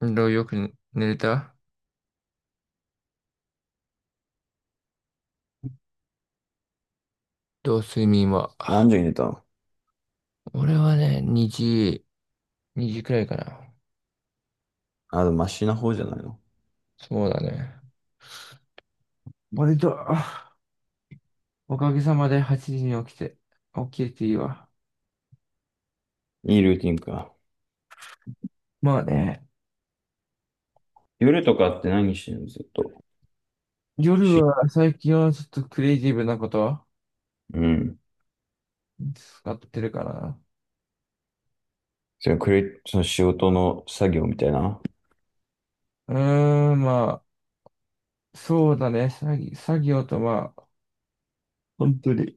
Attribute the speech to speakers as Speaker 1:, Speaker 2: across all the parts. Speaker 1: 運動よく寝れた。どう睡眠は。
Speaker 2: 何時に寝たの？
Speaker 1: 俺はね、2時、2時くらいかな。
Speaker 2: あ、でもマシな方じゃないの。
Speaker 1: そうだね。割と、おかげさまで8時に起きて、起きれていいわ。
Speaker 2: いいルーティンか。
Speaker 1: まあね、
Speaker 2: 夜とかって何してんのずっと？
Speaker 1: 夜
Speaker 2: し、
Speaker 1: は最近はちょっとクリエイティブなこと
Speaker 2: うん。
Speaker 1: 使ってるかな。
Speaker 2: そのクレ、その仕事の作業みたいな。
Speaker 1: うまあ、そうだね。作業とまあ、本当に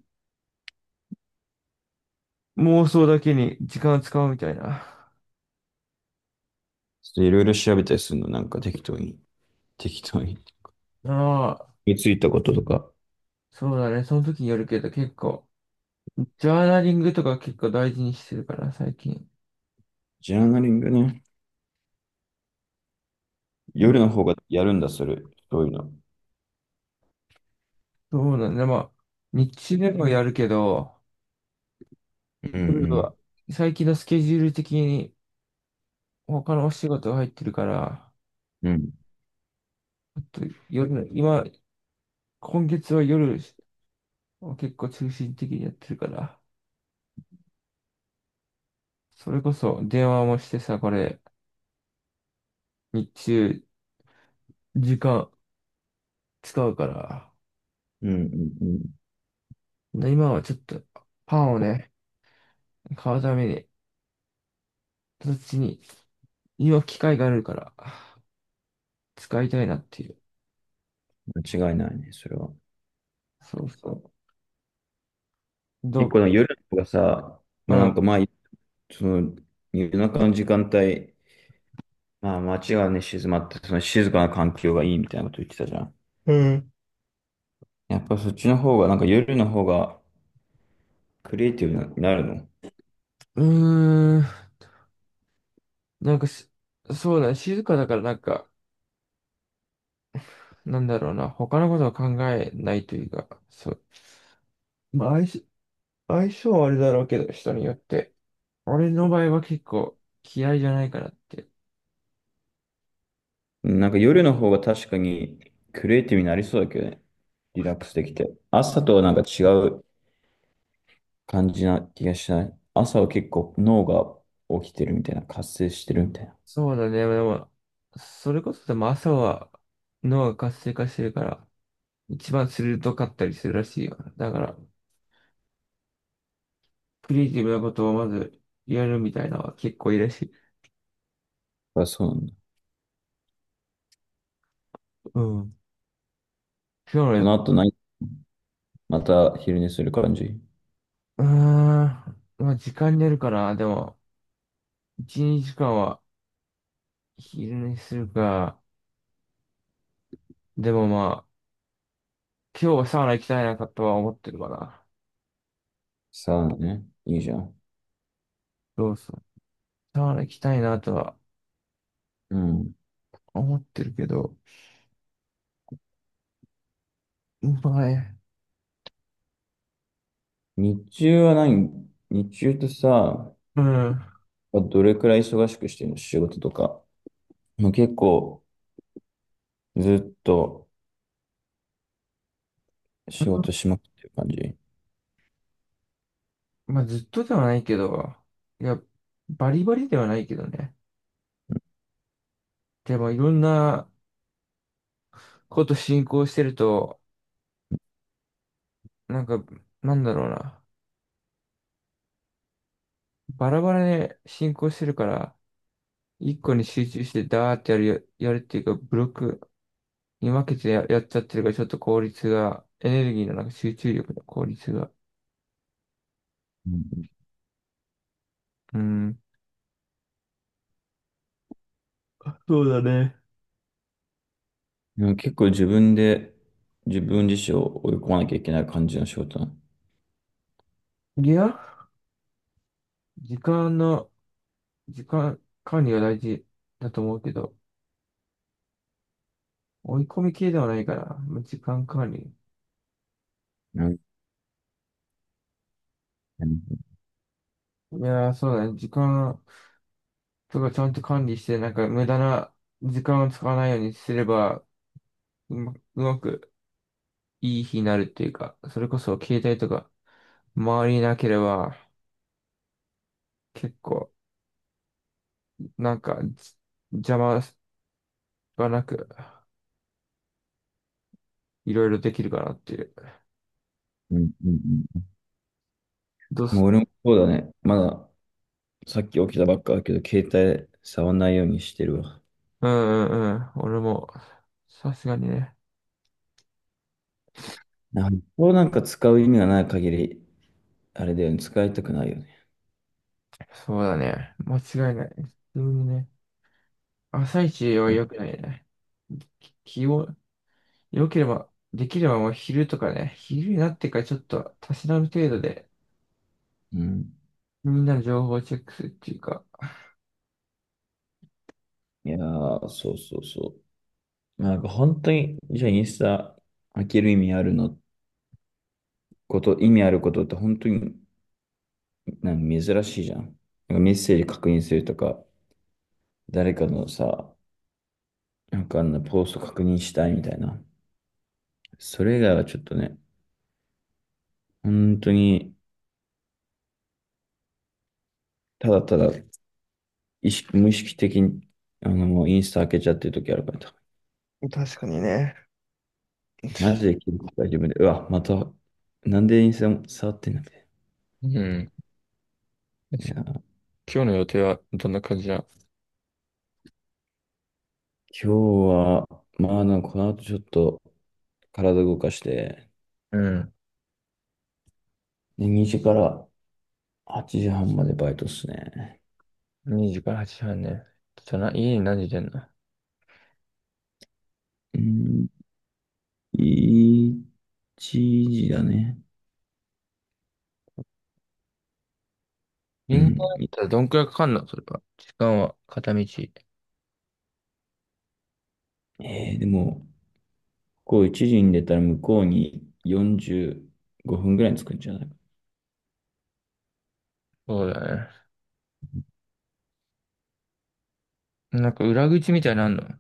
Speaker 1: 妄想だけに時間を使うみたいな。
Speaker 2: ちょっといろいろ調べたりするの、なんか適当に。適当に。
Speaker 1: ああ、
Speaker 2: についたこととか。
Speaker 1: そうだね。その時によるけど結構ジャーナリングとか結構大事にしてるから、最近。
Speaker 2: ジャーナリングね。
Speaker 1: う
Speaker 2: 夜
Speaker 1: ん、
Speaker 2: の方がやるんだ、それ。そういうの。
Speaker 1: そうなんだ。まあ、日中でもやるけど、
Speaker 2: うんう
Speaker 1: 夜は
Speaker 2: ん。
Speaker 1: 最近のスケジュール的に他のお仕事が入ってるから、
Speaker 2: うん。
Speaker 1: ちょっと夜の、今、今月は夜を結構中心的にやってるから、それこそ電話もしてさ、これ、日中時間使うから、
Speaker 2: うんうんうん。
Speaker 1: で今はちょっとパンをね、買うために、そっちに、今機会があるから、使いたいなっていう。
Speaker 2: 間違いないね、それは。
Speaker 1: そうそう。ど
Speaker 2: 結構の
Speaker 1: う、
Speaker 2: 夜の方がさ、
Speaker 1: う
Speaker 2: まあな
Speaker 1: ん。
Speaker 2: んかまあ、その夜中の時間帯、まあ、街がね、静まって、その静かな環境がいいみたいなこと言ってたじゃん。
Speaker 1: うん。
Speaker 2: やっぱそっちの方が、なんか夜の方がクリエイティブになるの？
Speaker 1: うーん。なんかし、そうだね、静かだからなんか、なんだろうな、他のことを考えないというか、そう。まあ、相性はあれだろうけど、人によって。俺の場合は結構嫌いじゃないかなって。
Speaker 2: なんか夜の方が確かにクリエイティブになりそうだけどね。リラックスできて。朝とはなんか違う感じな気がしない？朝は結構脳が起きてるみたいな、活性してるみたいな。
Speaker 1: そうだね、でも、それこそでも朝は脳が活性化してるから、一番鋭かったりするらしいよ。だから、クリエイティブなことをまずやるみたいなのは結構いいらしい。
Speaker 2: あ、そうなんだ。
Speaker 1: うん。今日
Speaker 2: こ
Speaker 1: の、
Speaker 2: の後何、また昼寝する感じ？
Speaker 1: うーん、まあ、時間によるかな。でも、1、2時間は昼寝するか。でもまあ、今日はサウナ行きたいなとは思ってるかな。
Speaker 2: さあね。いいじゃん。
Speaker 1: そうそう。サウナ行きたいなとは
Speaker 2: うん。
Speaker 1: 思ってるけど、まあね、
Speaker 2: 日中は何、日中とさ、
Speaker 1: うん。
Speaker 2: まあどれくらい忙しくしてるの仕事とか。もう結構ずっと仕事しまくってる感じ？
Speaker 1: まあ、ずっとではないけど、いや、バリバリではないけどね。でも、いろんなこと進行してると、なんか、なんだろうな。バラバラで進行してるから、一個に集中してダーってやるよ、やるっていうか、ブロックに分けてやっちゃってるから、ちょっと効率が、エネルギーのなんか集中力の効率が。
Speaker 2: うん。
Speaker 1: うん。そうだね。
Speaker 2: なんか結構自分で、自分自身を追い込まなきゃいけない感じの仕事なの？
Speaker 1: いや、時間の、時間管理が大事だと思うけど、追い込み系ではないから、まあ時間管理。
Speaker 2: うんうん
Speaker 1: いやー、そうだね。時間とかちゃんと管理して、なんか無駄な時間を使わないようにすれば、うまくいい日になるっていうか、それこそ携帯とか周りになければ、結構、なんか、じ邪魔がなく、いろいろできるかなっていう。
Speaker 2: うん。うん。
Speaker 1: どうす、
Speaker 2: もう俺もそうだね。まださっき起きたばっかだけど、携帯触んないようにしてるわ。
Speaker 1: うんうんうん。俺も、さすがにね。
Speaker 2: なんかこうなんか使う意味がない限り、あれだよね、使いたくないよね。
Speaker 1: そうだね。間違いない。普通にね。朝一は良くないね。き気を、良ければ、できればもう昼とかね、昼になってからちょっと、たしなむ程度で、
Speaker 2: うん。
Speaker 1: みんなの情報をチェックするっていうか、
Speaker 2: いやー、そうそうそう。なんか本当に、じゃあインスタ開ける意味あるの？こと、意味あることって本当になんか珍しいじゃん。なんかメッセージ確認するとか、誰かのさ、なんかあのポスト確認したいみたいな。それ以外はちょっとね、本当にただただ意識、無意識的にあのもうインスタ開けちゃってる時あるから、
Speaker 1: 確かにね。
Speaker 2: マジで気づく自分で、うわ、また、なんでインスタ触ってんだい？
Speaker 1: うん。
Speaker 2: いや今
Speaker 1: 今日の予定はどんな感じだ。
Speaker 2: 日は、まあなんかこの後ちょっと体動かして、
Speaker 1: うん。
Speaker 2: で、2時から8時半までバイトっすね。
Speaker 1: 2時から8時半ね。ちょっとな、家に何時出んの。
Speaker 2: うん、1時だね。う
Speaker 1: 銀行だっ
Speaker 2: ん。
Speaker 1: たらどんくらいかかんのそれは。時間は片道。
Speaker 2: えー、でも、ここ1時に出たら向こうに45分ぐらいに着くんじゃないか？
Speaker 1: そうだね。なんか裏口みたいなのあんの。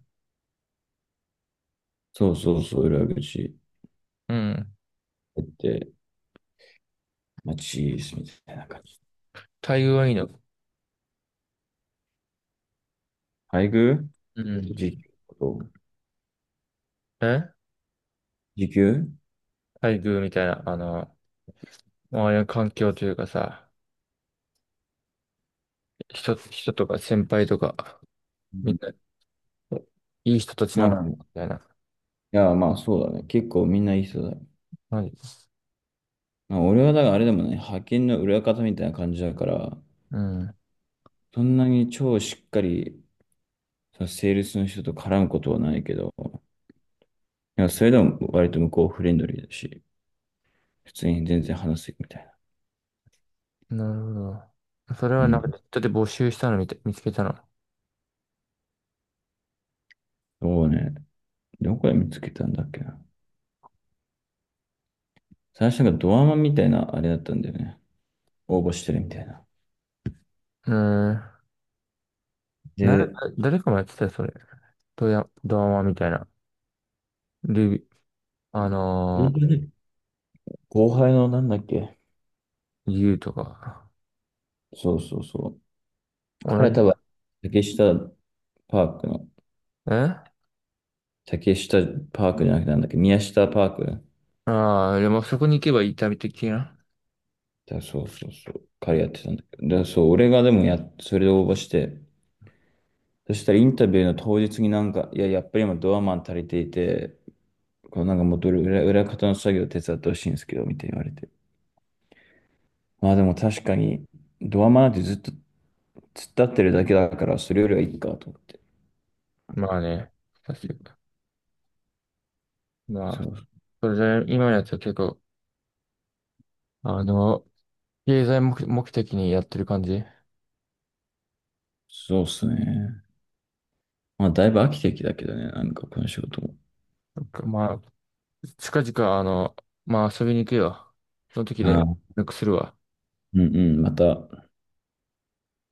Speaker 2: そうそうそう、裏口
Speaker 1: うん。
Speaker 2: 行って、まあ、チーズみたいな感じ。
Speaker 1: 待遇はいいの。
Speaker 2: 配偶？
Speaker 1: うん。
Speaker 2: 時給、
Speaker 1: え、
Speaker 2: 時給、
Speaker 1: 待遇みたいな、あの、周りの環境というかさ、人とか先輩とか、
Speaker 2: う
Speaker 1: み
Speaker 2: ん、
Speaker 1: んな、いい人たちな
Speaker 2: ま
Speaker 1: の
Speaker 2: あ、
Speaker 1: み
Speaker 2: い
Speaker 1: たいな。
Speaker 2: や、まあそうだね。結構みんないい人だよ。
Speaker 1: マジ？
Speaker 2: まあ、俺はだからあれでもね、派遣の裏方みたいな感じだから、
Speaker 1: うん。
Speaker 2: そんなに超しっかり、そのセールスの人と絡むことはないけど、いや、それでも割と向こうフレンドリーだし、普通に全然話すみたいな。
Speaker 1: なるほど。それ
Speaker 2: う
Speaker 1: はなんか
Speaker 2: ん。
Speaker 1: ネットで募集したの見て、見つけたの。
Speaker 2: そうね。どこで見つけたんだっけな。最初がドアマンみたいなあれだったんだよね。応募してるみたいな。
Speaker 1: うん。な、
Speaker 2: で、
Speaker 1: 誰かもやってたよ、それ。ドラマみたいな。ルビ、あの
Speaker 2: 後輩のなんだっけ。
Speaker 1: ー、ユーとか。
Speaker 2: そうそうそう。彼
Speaker 1: 同
Speaker 2: は
Speaker 1: じ、
Speaker 2: 多分、竹下パークの、
Speaker 1: え、
Speaker 2: 竹下パークじゃなくてなんだっけ、宮下パーク。
Speaker 1: ああー、でもそこに行けば痛み的な。
Speaker 2: だそうそうそう。彼
Speaker 1: い、
Speaker 2: やってたんだけど。だそう、俺がでもや、それで応募して、そしたらインタビューの当日になんか、いや、やっぱり今ドアマン足りていて、こうなんかもっと裏方の作業手伝ってほしいんですけど、みたいに言われて。まあでも確かに、ドアマなんてずっと突っ立ってるだけだから、それよりはいいかと思って。
Speaker 1: まあね、確かに。ま
Speaker 2: そ
Speaker 1: あ、
Speaker 2: う、
Speaker 1: それで今のやつは結構、あの、経済目、目的にやってる感じ。
Speaker 2: そうっすね。まあだいぶ飽きてきたけどね、なんかこの仕事も。
Speaker 1: なんかまあ、近々、あの、まあ遊びに行くよ。その時で、
Speaker 2: ああ、
Speaker 1: なんかするわ。
Speaker 2: うんうん、また